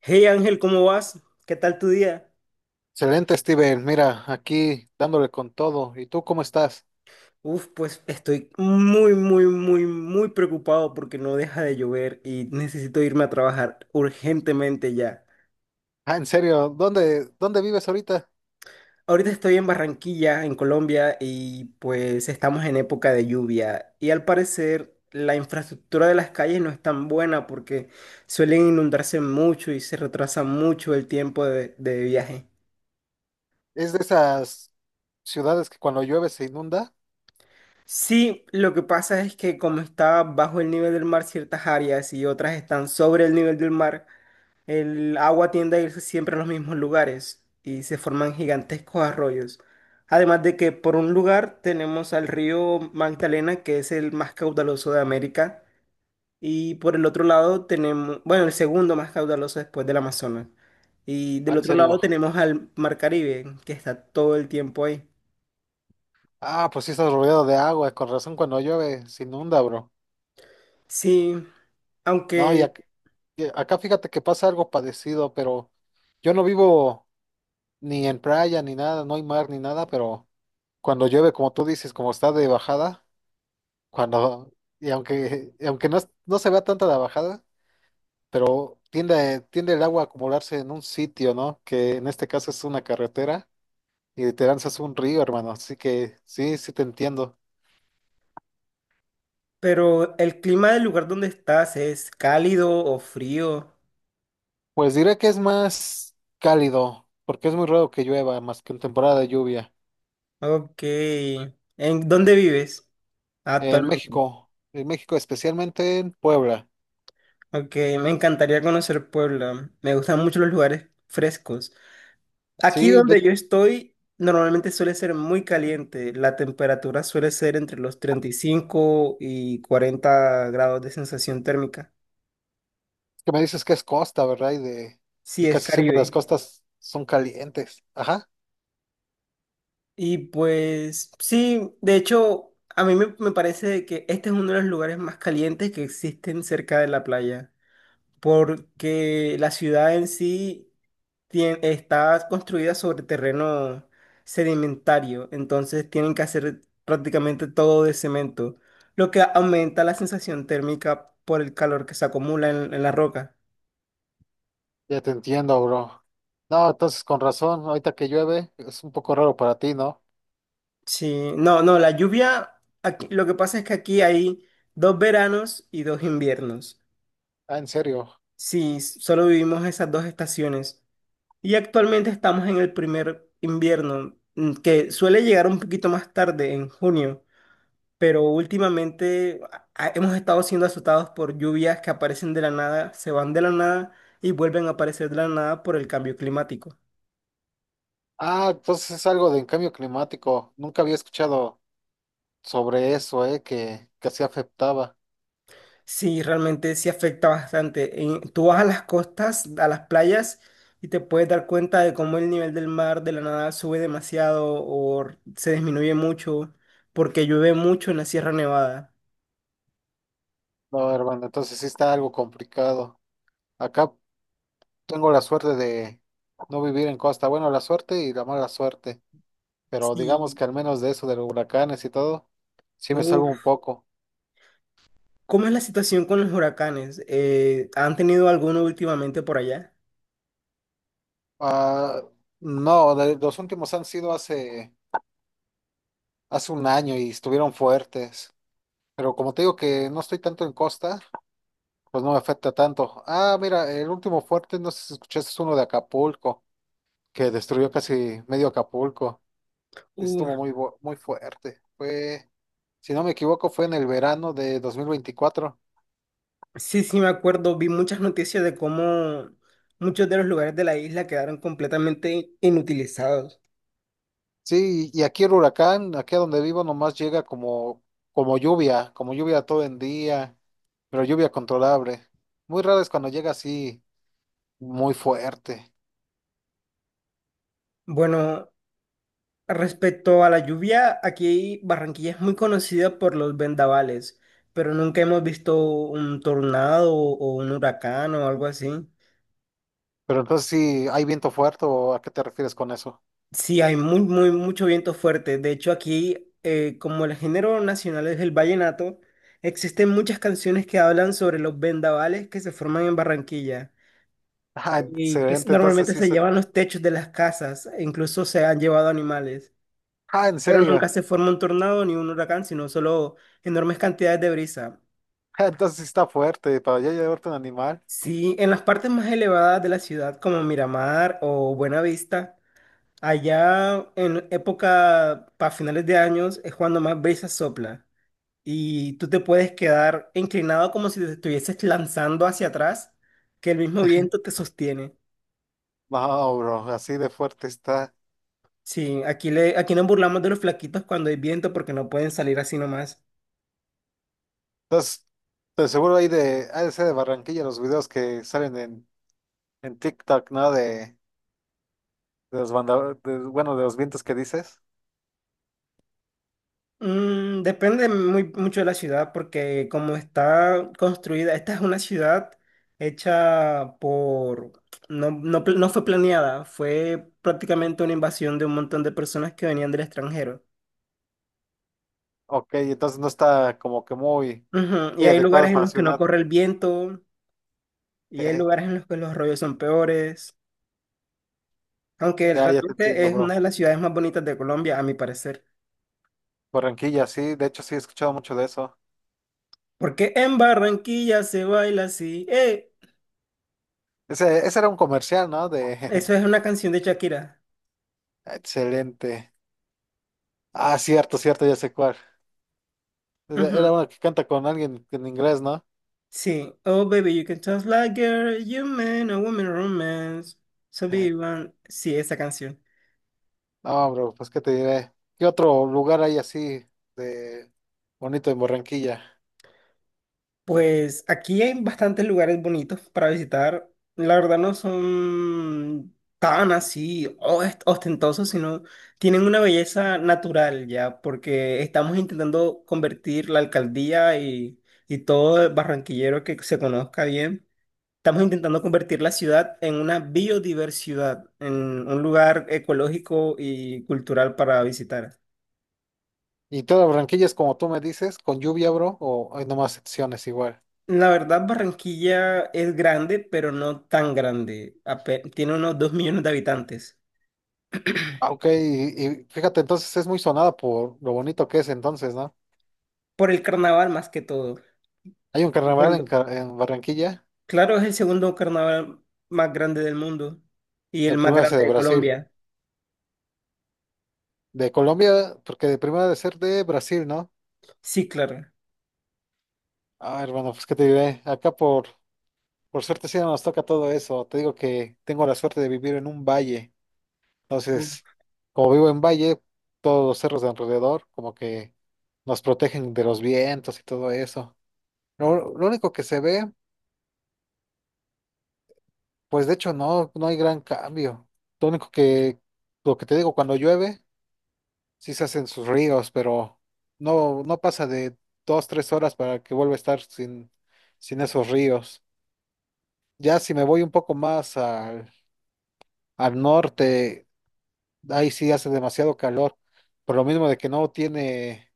Hey Ángel, ¿cómo vas? ¿Qué tal tu día? Excelente, Steven. Mira, aquí dándole con todo. ¿Y tú cómo estás? Pues estoy muy preocupado porque no deja de llover y necesito irme a trabajar urgentemente ya. Ah, en serio, ¿dónde vives ahorita? Ahorita estoy en Barranquilla, en Colombia, y pues estamos en época de lluvia y al parecer la infraestructura de las calles no es tan buena porque suelen inundarse mucho y se retrasa mucho el tiempo de viaje. ¿Es de esas ciudades que cuando llueve se inunda? Sí, lo que pasa es que como está bajo el nivel del mar ciertas áreas y otras están sobre el nivel del mar, el agua tiende a irse siempre a los mismos lugares y se forman gigantescos arroyos. Además de que por un lugar tenemos al río Magdalena, que es el más caudaloso de América, y por el otro lado tenemos, bueno, el segundo más caudaloso después del Amazonas. Y Ah, del en otro serio. lado tenemos al Mar Caribe, que está todo el tiempo ahí. Ah, pues sí estás rodeado de agua, con razón cuando llueve se inunda, bro. Sí, No, aunque... y acá fíjate que pasa algo parecido, pero yo no vivo ni en playa ni nada, no hay mar ni nada, pero cuando llueve, como tú dices, como está de bajada, cuando, y aunque no, no se vea tanta la bajada. Pero tiende el agua a acumularse en un sitio, ¿no? Que en este caso es una carretera y te lanzas un río, hermano. Así que sí, sí te entiendo. Pero el clima del lugar donde estás, ¿es cálido o frío? Pues diré que es más cálido, porque es muy raro que llueva más que en temporada de lluvia. Ok. ¿En dónde vives actualmente? En México, especialmente en Puebla. Ok, me encantaría conocer Puebla. Me gustan mucho los lugares frescos. Aquí Sí, donde yo estoy, normalmente suele ser muy caliente. La temperatura suele ser entre los 35 y 40 grados de sensación térmica. que me dices que es costa, ¿verdad? Sí, Y es casi siempre las Caribe. costas son calientes. Ajá, Y pues sí, de hecho, a mí me parece que este es uno de los lugares más calientes que existen cerca de la playa, porque la ciudad en sí está construida sobre terreno sedimentario, entonces tienen que hacer prácticamente todo de cemento, lo que aumenta la sensación térmica por el calor que se acumula en la roca. ya te entiendo, bro. No, entonces con razón, ahorita que llueve es un poco raro para ti, ¿no? Sí, no, no, la lluvia, aquí, lo que pasa es que aquí hay dos veranos y dos inviernos. Ah, en serio. Sí, solo vivimos esas dos estaciones. Y actualmente estamos en el primer invierno, que suele llegar un poquito más tarde, en junio, pero últimamente hemos estado siendo azotados por lluvias que aparecen de la nada, se van de la nada y vuelven a aparecer de la nada por el cambio climático. Ah, entonces es algo de cambio climático. Nunca había escuchado sobre eso, que así afectaba. Sí, realmente sí afecta bastante. Tú vas a las costas, a las playas, y te puedes dar cuenta de cómo el nivel del mar de la nada sube demasiado o se disminuye mucho porque llueve mucho en la Sierra Nevada. No, hermano, entonces sí está algo complicado. Acá tengo la suerte de no vivir en costa. Bueno, la suerte y la mala suerte. Pero digamos Sí. que al menos de eso, de los huracanes y todo, sí me salvo un Uf. poco. ¿Cómo es la situación con los huracanes? ¿Han tenido alguno últimamente por allá? Ah, no, los últimos han sido hace un año y estuvieron fuertes. Pero como te digo que no estoy tanto en costa. Pues no me afecta tanto. Ah, mira, el último fuerte, no sé si escuchaste, es uno de Acapulco, que destruyó casi medio Acapulco. Uf. Estuvo muy, muy fuerte. Fue, si no me equivoco, fue en el verano de 2024. Sí, sí, me acuerdo. Vi muchas noticias de cómo muchos de los lugares de la isla quedaron completamente inutilizados. Sí, y aquí el huracán, aquí a donde vivo, nomás llega como, como lluvia todo el día, pero lluvia controlable. Muy raro es cuando llega así, muy fuerte. Bueno, respecto a la lluvia, aquí Barranquilla es muy conocida por los vendavales, pero nunca hemos visto un tornado o un huracán o algo así. Pero entonces sí, ¿hay viento fuerte o a qué te refieres con eso? Sí, hay mucho viento fuerte. De hecho, aquí, como el género nacional es el vallenato, existen muchas canciones que hablan sobre los vendavales que se forman en Barranquilla Ah, y que excelente, entonces normalmente sí. se llevan los techos de las casas, e incluso se han llevado animales, Ah, ¿en pero nunca serio? se forma un tornado ni un huracán, sino solo enormes cantidades de brisa. Entonces sí está fuerte, para ya llevarte un animal. Sí, en las partes más elevadas de la ciudad, como Miramar o Buenavista, allá en época para finales de años es cuando más brisa sopla y tú te puedes quedar inclinado como si te estuvieses lanzando hacia atrás, que el mismo viento te sostiene. No, bro, así de fuerte está. Sí, aquí nos burlamos de los flaquitos cuando hay viento porque no pueden salir así nomás. Entonces, de seguro hay de, ha de ser de Barranquilla los videos que salen en TikTok, ¿no? De, bueno, de los vientos que dices. Depende mucho de la ciudad porque como está construida, esta es una ciudad hecha por... no fue planeada, fue prácticamente una invasión de un montón de personas que venían del extranjero. Ok, entonces no está como que muy, Ujú. Y muy hay adecuada lugares en para la los que no ciudad. corre el viento y hay Jeje, lugares en los que los rollos son peores, aunque ya, ya te realmente entiendo, es una bro. de las ciudades más bonitas de Colombia, a mi parecer. Barranquilla, sí, de hecho sí he escuchado mucho de eso. Porque en Barranquilla se baila así. ¡Eh! Ese era un comercial, ¿no? Eso De es una canción de Shakira. excelente. Ah, cierto, cierto, ya sé cuál. Era uno que canta con alguien en inglés, ¿no? Sí. Oh, baby, you can talk like girl, you man, a woman romance. So be one. Sí, esa canción. No, bro, pues qué te diré. ¿Qué otro lugar hay así de bonito en Barranquilla? Pues aquí hay bastantes lugares bonitos para visitar. La verdad no son tan así ostentosos, sino tienen una belleza natural ya, porque estamos intentando convertir la alcaldía y todo el barranquillero que se conozca bien. Estamos intentando convertir la ciudad en una biodiversidad, en un lugar ecológico y cultural para visitar. Y toda Barranquilla es como tú me dices, con lluvia, bro, o hay nomás secciones igual. La verdad, Barranquilla es grande, pero no tan grande. Tiene unos 2.000.000 de habitantes. Ah, ok, y fíjate, entonces es muy sonada por lo bonito que es entonces, ¿no? Por el carnaval más que todo. Hay un carnaval en, Cuando- en Barranquilla, claro, es el segundo carnaval más grande del mundo y la el más primera es grande de de Brasil. Colombia. De Colombia, porque de primera de ser de Brasil, ¿no? Sí, claro. Ah, hermano, pues qué te diré. Acá por suerte sí no nos toca todo eso. Te digo que tengo la suerte de vivir en un valle. Entonces, como vivo en valle, todos los cerros de alrededor como que nos protegen de los vientos y todo eso. Lo único que se ve, pues de hecho no, no hay gran cambio. Lo único que, lo que te digo, cuando llueve, sí se hacen sus ríos, pero no, no pasa de dos, tres horas para que vuelva a estar sin, sin esos ríos. Ya si me voy un poco más al norte, ahí sí hace demasiado calor, por lo mismo de que no tiene.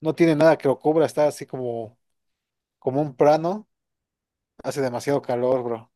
No tiene nada que lo cubra, está así como, como un plano. Hace demasiado calor, bro.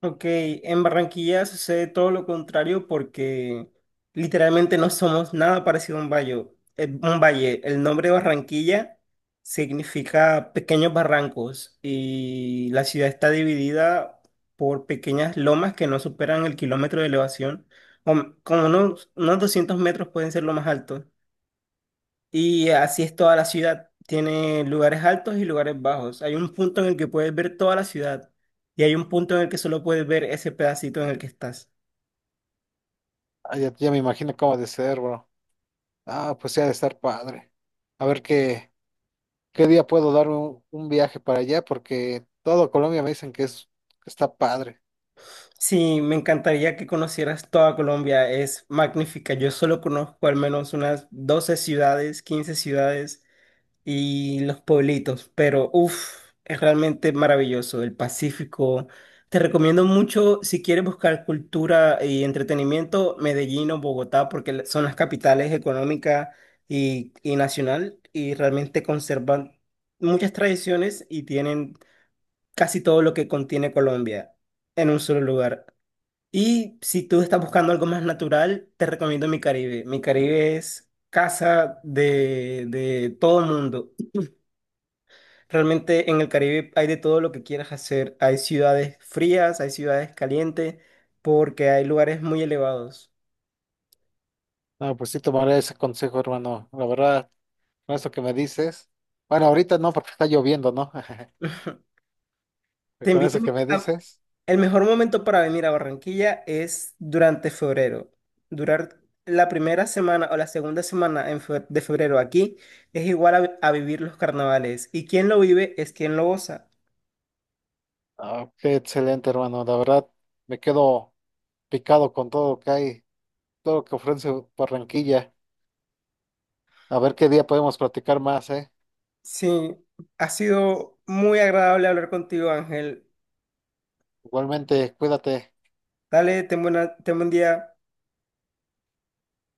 Ok, en Barranquilla sucede todo lo contrario porque literalmente no somos nada parecido a un valle. Un valle. El nombre Barranquilla significa pequeños barrancos y la ciudad está dividida por pequeñas lomas que no superan el kilómetro de elevación. Como unos 200 metros pueden ser lo más alto. Y así es toda la ciudad. Tiene lugares altos y lugares bajos. Hay un punto en el que puedes ver toda la ciudad y hay un punto en el que solo puedes ver ese pedacito en el que estás. Ah, ya, ya me imagino cómo ha de ser, bro. Ah, pues sí, ha de estar padre. A ver qué, qué día puedo darme un viaje para allá, porque todo Colombia me dicen que es, que está padre. Sí, me encantaría que conocieras toda Colombia. Es magnífica. Yo solo conozco al menos unas 12 ciudades, 15 ciudades. Y los pueblitos, pero uff, es realmente maravilloso el Pacífico. Te recomiendo mucho si quieres buscar cultura y entretenimiento, Medellín o Bogotá, porque son las capitales económica y nacional y realmente conservan muchas tradiciones y tienen casi todo lo que contiene Colombia en un solo lugar. Y si tú estás buscando algo más natural, te recomiendo Mi Caribe. Mi Caribe es casa de todo el mundo. Realmente en el Caribe hay de todo lo que quieras hacer. Hay ciudades frías, hay ciudades calientes, porque hay lugares muy elevados. No, pues sí tomaré ese consejo, hermano. La verdad, con eso que me dices. Bueno, ahorita no, porque está lloviendo, ¿no? Te Pero con invito eso que me a... dices. El mejor momento para venir a Barranquilla es durante febrero. Durar la primera semana o la segunda semana en de febrero aquí es igual a, a vivir los carnavales. Y quien lo vive es quien lo goza. Ah, qué excelente, hermano. La verdad, me quedo picado con todo lo que hay, todo lo que ofrece Barranquilla. A ver qué día podemos platicar más, ¿eh? Sí, ha sido muy agradable hablar contigo, Ángel. Igualmente, cuídate. Dale, ten buen día.